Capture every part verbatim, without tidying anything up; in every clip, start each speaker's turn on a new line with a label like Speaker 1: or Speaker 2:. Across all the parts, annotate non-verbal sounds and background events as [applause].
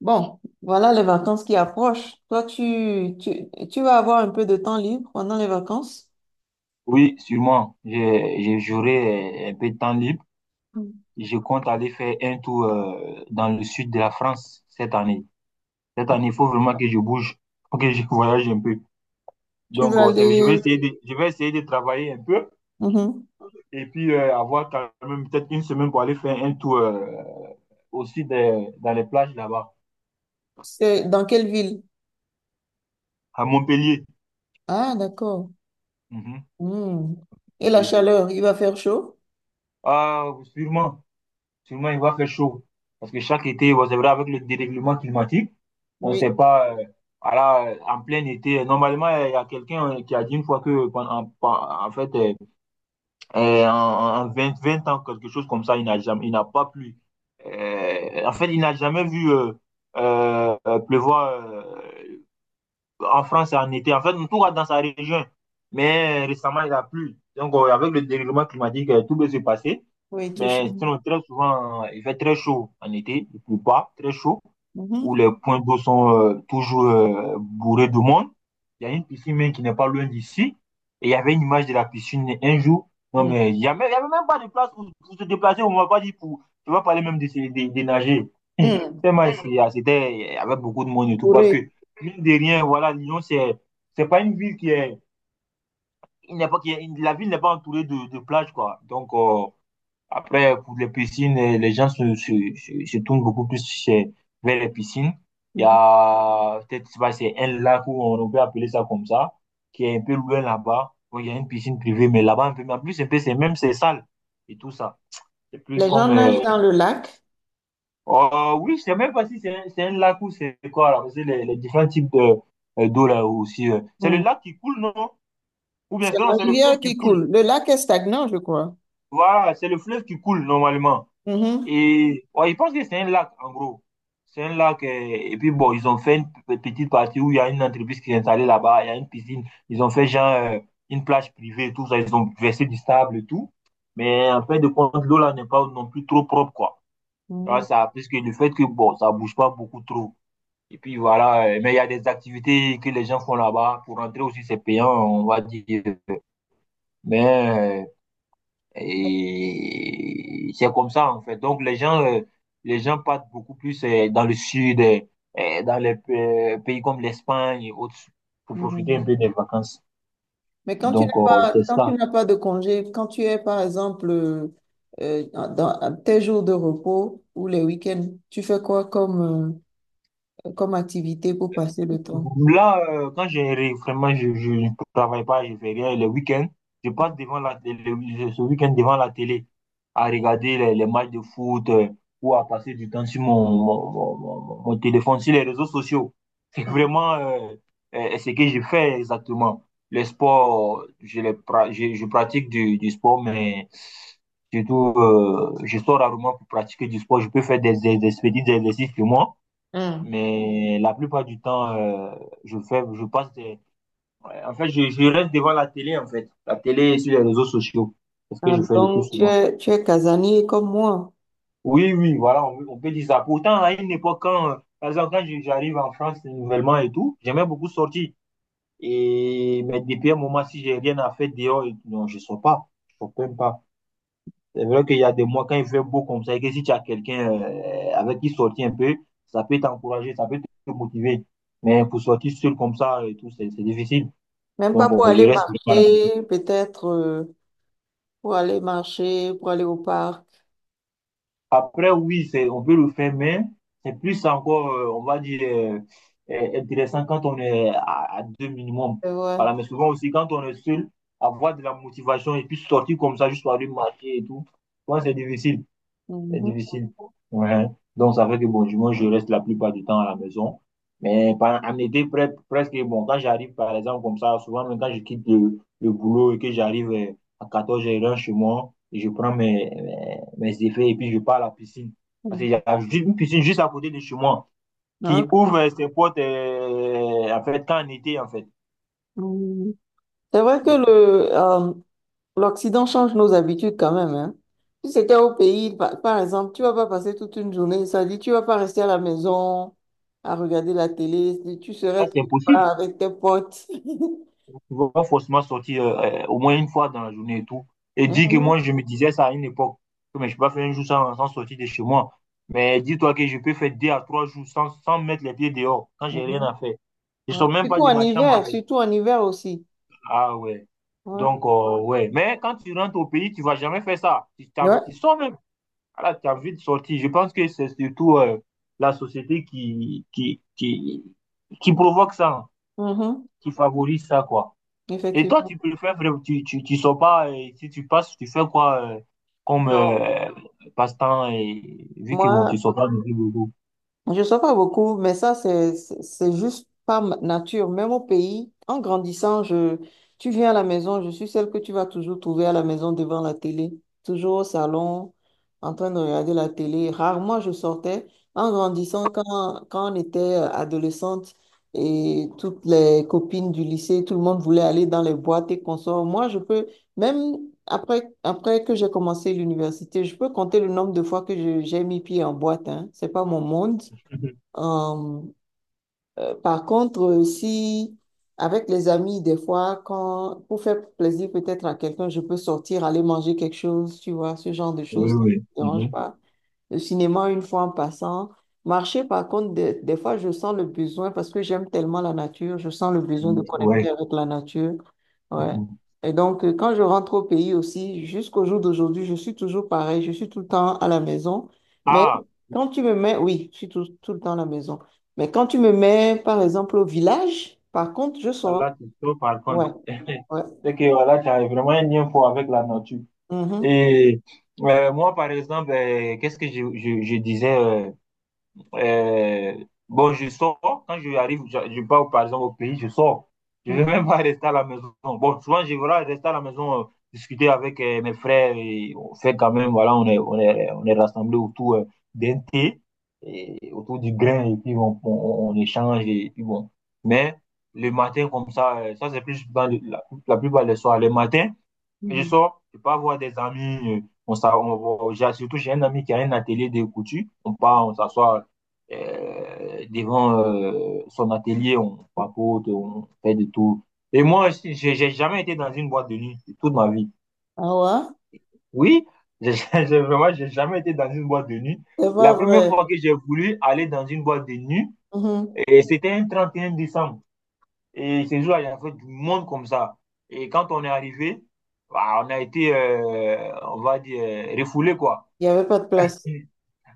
Speaker 1: Bon, voilà les vacances qui approchent. Toi, tu, tu, tu vas avoir un peu de temps libre pendant les vacances.
Speaker 2: Oui, sûrement. J'ai- j'ai- J'aurai euh, un peu de temps libre.
Speaker 1: Mm.
Speaker 2: Je compte aller faire un tour euh, dans le sud de la France cette année. Cette année, il faut vraiment que je bouge, [laughs] faut que je voyage un peu.
Speaker 1: Tu
Speaker 2: Donc,
Speaker 1: vas
Speaker 2: euh, c'est- je vais
Speaker 1: aller...
Speaker 2: essayer de, je vais essayer de travailler un peu
Speaker 1: Mhm.
Speaker 2: et puis euh, avoir quand même peut-être une semaine pour aller faire un tour euh, aussi des- dans les plages là-bas,
Speaker 1: C'est dans quelle ville?
Speaker 2: à Montpellier.
Speaker 1: Ah, d'accord.
Speaker 2: Mhm,
Speaker 1: Hmm. Et la
Speaker 2: Montpellier.
Speaker 1: chaleur, il va faire chaud?
Speaker 2: Ah, sûrement. Seulement, il va faire chaud. Parce que chaque été, vous savez vrai, avec le dérèglement climatique, on ne sait
Speaker 1: Oui,
Speaker 2: pas, euh, voilà, euh, en plein été, euh, normalement, euh, il y a quelqu'un euh, qui a dit une fois que, pendant- en, en- en fait, euh, euh, en, en vingt 20 ans, quelque chose comme ça, il n'a jamais, il n'a pas plu. Euh, en fait, il n'a jamais vu euh, euh, euh, pleuvoir. Euh, en France, c'est en été. En fait, tout va dans sa région. Mais récemment, il a plu. Donc, euh, avec le dérèglement climatique, euh, tout peut se passer.
Speaker 1: oui, tout chaud.
Speaker 2: Mais sinon, très souvent, euh, il fait très chaud en été. Il ne pleut pas, très chaud où
Speaker 1: Mhm.
Speaker 2: les points d'eau sont euh, toujours euh, bourrés de monde. Il y a une piscine même qui n'est pas loin d'ici. Et il y avait une image de la piscine un jour. Non,
Speaker 1: Mm.
Speaker 2: mais il n'y avait, il y avait même pas de place pour, pour se déplacer. On ne m'a pas dit pour. Tu vas parler même de, se- de, de nager. [laughs] Hum,
Speaker 1: Mm.
Speaker 2: Tellement c'est- ah, c'était, il y avait beaucoup de monde et tout. Parce
Speaker 1: Bourré.
Speaker 2: que, mine de rien, voilà, Lyon, c'est, c'est pas une ville qui est. Il n'est pas, qui est- la ville n'est pas entourée de, de plages, quoi. Donc, euh, après, pour les piscines, euh, les gens se, se, se, se tournent beaucoup plus chez- vers les piscines. Il y
Speaker 1: Mhm.
Speaker 2: a peut-être, je sais pas, c'est un lac où on peut appeler ça comme ça, qui est un peu loin là-bas, où il y a une piscine privée, mais là-bas, un peu, mais en plus, un peu, c'est même, c'est sale et tout ça. C'est plus
Speaker 1: Les gens
Speaker 2: comme.
Speaker 1: nagent
Speaker 2: Euh,
Speaker 1: dans le lac.
Speaker 2: oh, oui, je sais même pas si c'est un, c'est un lac ou c'est quoi, là, parce que les, les différents types de, euh, d'eau là aussi. euh. C'est le
Speaker 1: Mm.
Speaker 2: lac qui coule, non? Ou bien
Speaker 1: C'est la
Speaker 2: sinon, c'est le
Speaker 1: rivière
Speaker 2: fleuve qui
Speaker 1: qui
Speaker 2: coule.
Speaker 1: coule. Le lac est stagnant, je crois.
Speaker 2: Voilà, c'est le fleuve qui coule normalement.
Speaker 1: Mhm.
Speaker 2: Et ouais, je pense que c'est un lac, en gros. C'est un lac. Euh, et puis bon, ils ont fait une p- petite partie où il y a une entreprise qui est installée là-bas. Il y a une piscine. Ils ont fait genre euh, une plage privée et tout ça. Ils ont versé du sable et tout. Mais en fin de compte, l'eau là n'est pas non plus trop propre, quoi. Voilà, ça, parce que le fait que bon, ça bouge pas beaucoup trop. Et puis voilà. Euh, mais il y a des activités que les gens font là-bas. Pour rentrer aussi, c'est payant, on va dire. Mais euh, et c'est comme ça, en fait. Donc, les gens, euh, les gens partent beaucoup plus euh, dans le sud, euh, euh, dans les pa- pays comme l'Espagne et autres, pour profiter un
Speaker 1: Mm.
Speaker 2: peu des vacances.
Speaker 1: Mais quand tu
Speaker 2: Donc,
Speaker 1: n'as
Speaker 2: euh, c'est
Speaker 1: pas, quand
Speaker 2: ça.
Speaker 1: tu n'as pas de congé, quand tu es, par exemple, euh, euh, dans tes jours de repos ou les week-ends, tu fais quoi comme, euh, comme activité pour passer le temps?
Speaker 2: Là, euh, quand j'ai vraiment, je, je ne travaille pas, je fais rien. Le week-end, je passe devant la, le- le- ce week-end devant la télé à regarder les, les matchs de foot euh, ou à passer du temps sur mon, mon, mon- mon- mon- téléphone, sur les réseaux sociaux. [laughs] C'est vraiment euh, euh, ce que je fais exactement. Le sport, je, le pra- je, je pratique du, du sport, mais surtout, euh, je sors rarement pour pratiquer du sport. Je peux faire des, des, des petits exercices chez moi
Speaker 1: Hmm.
Speaker 2: mais la plupart du temps, euh, je fais, je passe des- ouais, en fait, je, je reste devant la télé, en fait. La télé et sur les réseaux sociaux. C'est ce que
Speaker 1: Ah,
Speaker 2: je fais le plus
Speaker 1: donc, tu
Speaker 2: souvent.
Speaker 1: es, tu es casanier comme moi.
Speaker 2: Oui, oui, voilà, on, on peut dire ça. Pourtant, à une époque, quand, euh, par exemple, quand je- j'arrive en France nouvellement et tout, j'aimais beaucoup sortir. Et, mais depuis un moment, si j'ai rien à faire dehors, et tout, non, je sors pas. Je sors même pas. C'est vrai qu'il y a des mois, quand il fait beau comme ça, et que si tu as quelqu'un euh, avec qui sortir un peu, ça peut t'encourager, ça peut te motiver. Mais pour sortir seul comme ça et tout, c'est c'est difficile.
Speaker 1: Même pas
Speaker 2: Donc,
Speaker 1: pour
Speaker 2: euh, je
Speaker 1: aller
Speaker 2: reste vraiment à la maison.
Speaker 1: marcher, peut-être euh, pour aller marcher, pour aller au parc.
Speaker 2: Après, oui, c'est, on peut le faire, mais c'est plus encore, euh, on va dire, euh, euh, intéressant quand on est à, à deux minimum.
Speaker 1: C'est vrai.
Speaker 2: Voilà, mais souvent aussi, quand on est seul, avoir de la motivation et puis sortir comme ça, juste pour aller marcher et tout, je pense que c'est difficile. C'est
Speaker 1: Mhm.
Speaker 2: difficile. Ouais. Donc, ça fait que bon, du moins, je reste la plupart du temps à la maison. Mais par- en été, pre- presque, bon, quand j'arrive, par exemple, comme ça, souvent, même quand je quitte le, le boulot et que j'arrive euh, à quatorze heures h chez moi, et je prends mes, mes, mes effets et puis je pars à la piscine. Parce qu'il y a ju- une piscine juste à côté de chez moi qui
Speaker 1: Donc,
Speaker 2: ouvre euh, ses portes, euh, en fait, quand en été, en fait.
Speaker 1: mm, c'est vrai que le, euh, L'Occident change nos habitudes quand même, hein. Si c'était au pays, par, par exemple, tu vas pas passer toute une journée, ça dit, tu vas pas rester à la maison à regarder la télé, si tu
Speaker 2: Ça,
Speaker 1: serais
Speaker 2: c'est
Speaker 1: quelque
Speaker 2: impossible.
Speaker 1: part avec tes potes. [laughs]
Speaker 2: Tu vas forcément sortir euh, euh, au moins une fois dans la journée et tout. Et dis que
Speaker 1: Mhm,
Speaker 2: moi, je me disais ça à une époque, que mais je ne peux pas faire un jour sans, sans sortir de chez moi. Mais dis-toi que je peux faire deux à trois jours sans, sans mettre les pieds dehors, quand j'ai rien
Speaker 1: mhm,
Speaker 2: à faire. Je
Speaker 1: ouais.
Speaker 2: sors même pas
Speaker 1: Surtout
Speaker 2: de
Speaker 1: en
Speaker 2: ma chambre, en
Speaker 1: hiver,
Speaker 2: fait.
Speaker 1: surtout en hiver aussi.
Speaker 2: Ah ouais.
Speaker 1: Ouais,
Speaker 2: Donc, euh, ouais. Mais quand tu rentres au pays, tu vas jamais faire ça. Tu, t'en-
Speaker 1: ouais.
Speaker 2: tu sors même. Voilà, tu as envie de sortir. Je pense que c'est surtout euh, la société qui, qui, qui, qui provoque ça, hein,
Speaker 1: Mhm,
Speaker 2: qui favorise ça, quoi. Et toi,
Speaker 1: effectivement.
Speaker 2: tu peux le faire, frère, tu, tu, tu sors pas, et si tu passes, tu fais quoi euh, comme
Speaker 1: Non,
Speaker 2: euh, passe-temps, et vu que bon,
Speaker 1: moi,
Speaker 2: tu sors pas de plus beaucoup.
Speaker 1: je sais pas beaucoup, mais ça, c'est, c'est c'est juste pas ma nature. Même au pays, en grandissant, je, tu viens à la maison, je suis celle que tu vas toujours trouver à la maison devant la télé, toujours au salon, en train de regarder la télé. Rarement je sortais. En grandissant, quand, quand on était euh, adolescente et toutes les copines du lycée, tout le monde voulait aller dans les boîtes et consorts. Moi, je peux, même après, après que j'ai commencé l'université, je peux compter le nombre de fois que je- j'ai mis pied en boîte, hein. C'est pas mon monde.
Speaker 2: [laughs]
Speaker 1: Euh, euh, par contre, euh, si avec les amis, des fois, quand, pour faire plaisir peut-être à quelqu'un, je peux sortir, aller manger quelque chose, tu vois, ce genre de choses,
Speaker 2: Oui,
Speaker 1: ça
Speaker 2: oui.
Speaker 1: ne me dérange
Speaker 2: Mhm.
Speaker 1: pas le cinéma une fois en passant. Marcher, par contre, des, des fois, je sens le besoin parce que j'aime tellement la nature, je sens le besoin de
Speaker 2: Mhm.
Speaker 1: connecter
Speaker 2: Ouais.
Speaker 1: avec la nature. Ouais.
Speaker 2: Mhm.
Speaker 1: Et donc, euh, quand je rentre au pays aussi, jusqu'au jour d'aujourd'hui, je suis toujours pareil, je suis tout le temps à la maison. Mais
Speaker 2: Ah,
Speaker 1: quand tu me mets, oui, je suis tout, tout le temps à la maison. Mais quand tu me mets, par exemple, au village, par contre, je sors.
Speaker 2: là, tu sors par contre.
Speaker 1: Ouais, ouais.
Speaker 2: C'est que voilà, tu as vraiment un lien fort avec la nature.
Speaker 1: Mhm.
Speaker 2: Et euh, moi, par exemple, euh, qu'est-ce que je, je, je disais? euh, Euh, bon, je sors. Quand je arrive, je, je pars par exemple au pays, je sors. Je ne vais même pas rester à la maison. Bon, souvent, je vais rester à la maison, euh, discuter avec euh, mes frères. Et on fait quand même, voilà, on est, on est, on est rassemblés autour euh, d'un thé, et autour du grain, et puis on, on- on échange, et puis bon. Mais le matin, comme ça, euh, ça c'est plus dans le- la, la plupart des soirs. Le matin, mais je
Speaker 1: Mhm.
Speaker 2: sors, je pars voir des amis. euh, On, s'a- on- on- j'ai- surtout, j'ai un ami qui a un atelier de couture. On part, on s'assoit euh, devant euh, son atelier, on papote, on fait de tout. Et moi, je- j'ai j'ai jamais été dans une boîte de nuit de toute ma vie.
Speaker 1: Ah ouais?
Speaker 2: Oui, j'ai [laughs] j'ai- j'ai- vraiment, j'ai jamais été dans une boîte de nuit.
Speaker 1: C'est pas
Speaker 2: La première
Speaker 1: vrai.
Speaker 2: fois que j'ai voulu aller dans une boîte de nuit,
Speaker 1: Mhm.
Speaker 2: et c'était un trente et un décembre. Et ces jours-là, il y avait du monde comme ça. Et quand on est arrivé, bah, on a été, euh, on va dire, euh, refoulé, quoi.
Speaker 1: Il n'y avait pas de place.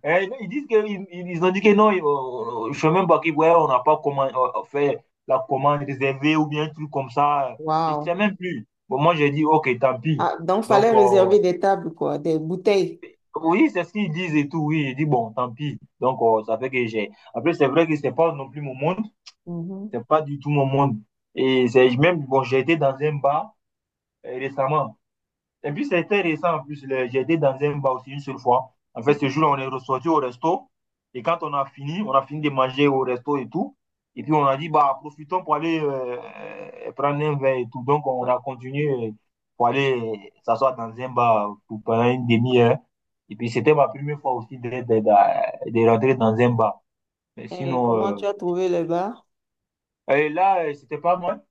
Speaker 2: Et ils disent que, ils, ils ont dit que non, euh, je sais même pas qui, ouais, on n'a pas comment euh, fait la commande réservée ou bien un truc comme ça. Je
Speaker 1: Waouh.
Speaker 2: sais même plus. Bon, moi, j'ai dit, ok, tant pis.
Speaker 1: Ah, donc,
Speaker 2: Donc,
Speaker 1: fallait
Speaker 2: euh,
Speaker 1: réserver des tables, quoi, des bouteilles.
Speaker 2: oui, c'est ce qu'ils disent et tout. Oui, j'ai dit, bon, tant pis. Donc, euh, ça fait que j'ai. Après, c'est vrai que c'est pas non plus mon monde.
Speaker 1: Mhm.
Speaker 2: C'est pas du tout mon monde. Et c'est même, bon, j'ai été dans un bar euh, récemment. Et puis, c'était récent. En plus, le- j'ai été dans un bar aussi une seule fois. En fait, ce jour-là, on est ressorti au resto. Et quand on a fini, on a fini de manger au resto et tout. Et puis, on a dit, bah, profitons pour aller euh, prendre un verre et tout. Donc, on
Speaker 1: Mhm.
Speaker 2: a continué euh, pour aller euh, s'asseoir dans un bar pour pendant une demi-heure. Et puis, c'était ma première fois aussi de, de, de- de rentrer dans un bar. Mais
Speaker 1: Et
Speaker 2: sinon,
Speaker 1: comment tu
Speaker 2: euh,
Speaker 1: as trouvé le bar?
Speaker 2: et là, euh, c'était pas mal.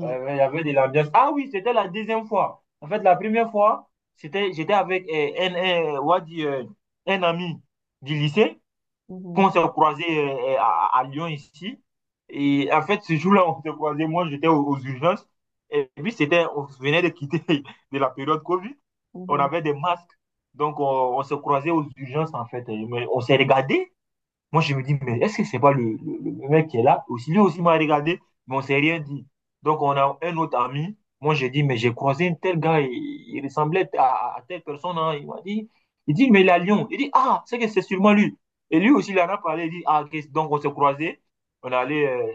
Speaker 2: Ouais, ouais, il y avait de l'ambiance. Ah oui, c'était la deuxième fois. En fait, la première fois, c'était, j'étais avec euh, un, un- euh, on va dire, euh, un ami du lycée
Speaker 1: Mhm.
Speaker 2: qu'on s'est croisé euh, euh, à, à Lyon ici. Et en fait, ce jour-là, on s'est croisé. Moi, j'étais aux, aux urgences. Et puis, c'était, on venait de quitter [laughs] de la période Covid. On
Speaker 1: Mhm.
Speaker 2: avait des masques. Donc, on, on s'est croisé aux urgences, en fait. Mais on s'est regardé. Moi, je me dis, mais est-ce que c'est pas le, le- le mec qui est là? Aussi, lui aussi m'a regardé, mais on s'est rien dit. Donc, on a un autre ami. Moi, j'ai dit, mais j'ai croisé un tel gars, il, il ressemblait à, à telle personne, hein. Il m'a dit, il dit, mais il est à Lyon. Il dit, ah, c'est que c'est sûrement lui. Et lui aussi, il en a parlé. Il dit, ah, ok, donc on s'est croisés. On est allé, euh,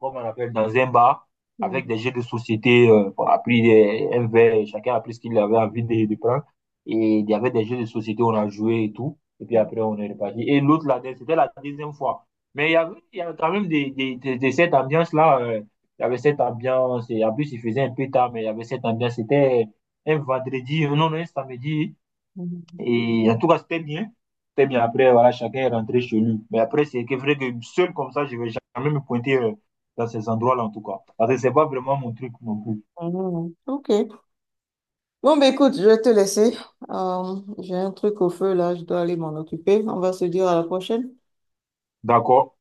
Speaker 2: comme on appelle, dans un bar avec
Speaker 1: Mhm.
Speaker 2: des jeux de société. Euh, on a pris des- un verre, chacun a pris ce qu'il avait envie de, de prendre. Et il y avait des jeux de société, on a joué et tout. Et puis après, on est reparti. Et l'autre, là, c'était la deuxième fois. Mais il y avait, il y avait quand même des, des, des- des- cette ambiance-là. Euh, il y avait cette ambiance. Et en plus, il faisait un peu tard, mais il y avait cette ambiance. C'était un vendredi, euh, non, non, un samedi.
Speaker 1: Mhm.
Speaker 2: Et en tout cas, c'était bien. C'était bien. Après, voilà, chacun est rentré chez lui. Mais après, c'est que vrai que seul comme ça, je vais jamais me pointer euh, dans ces endroits-là, en tout cas. Parce que c'est pas vraiment mon truc non plus.
Speaker 1: Mhm. Ok. Bon, bah, écoute, je vais te laisser. Euh, j'ai un truc au feu là, je dois aller m'en occuper. On va se dire à la prochaine.
Speaker 2: D'accord?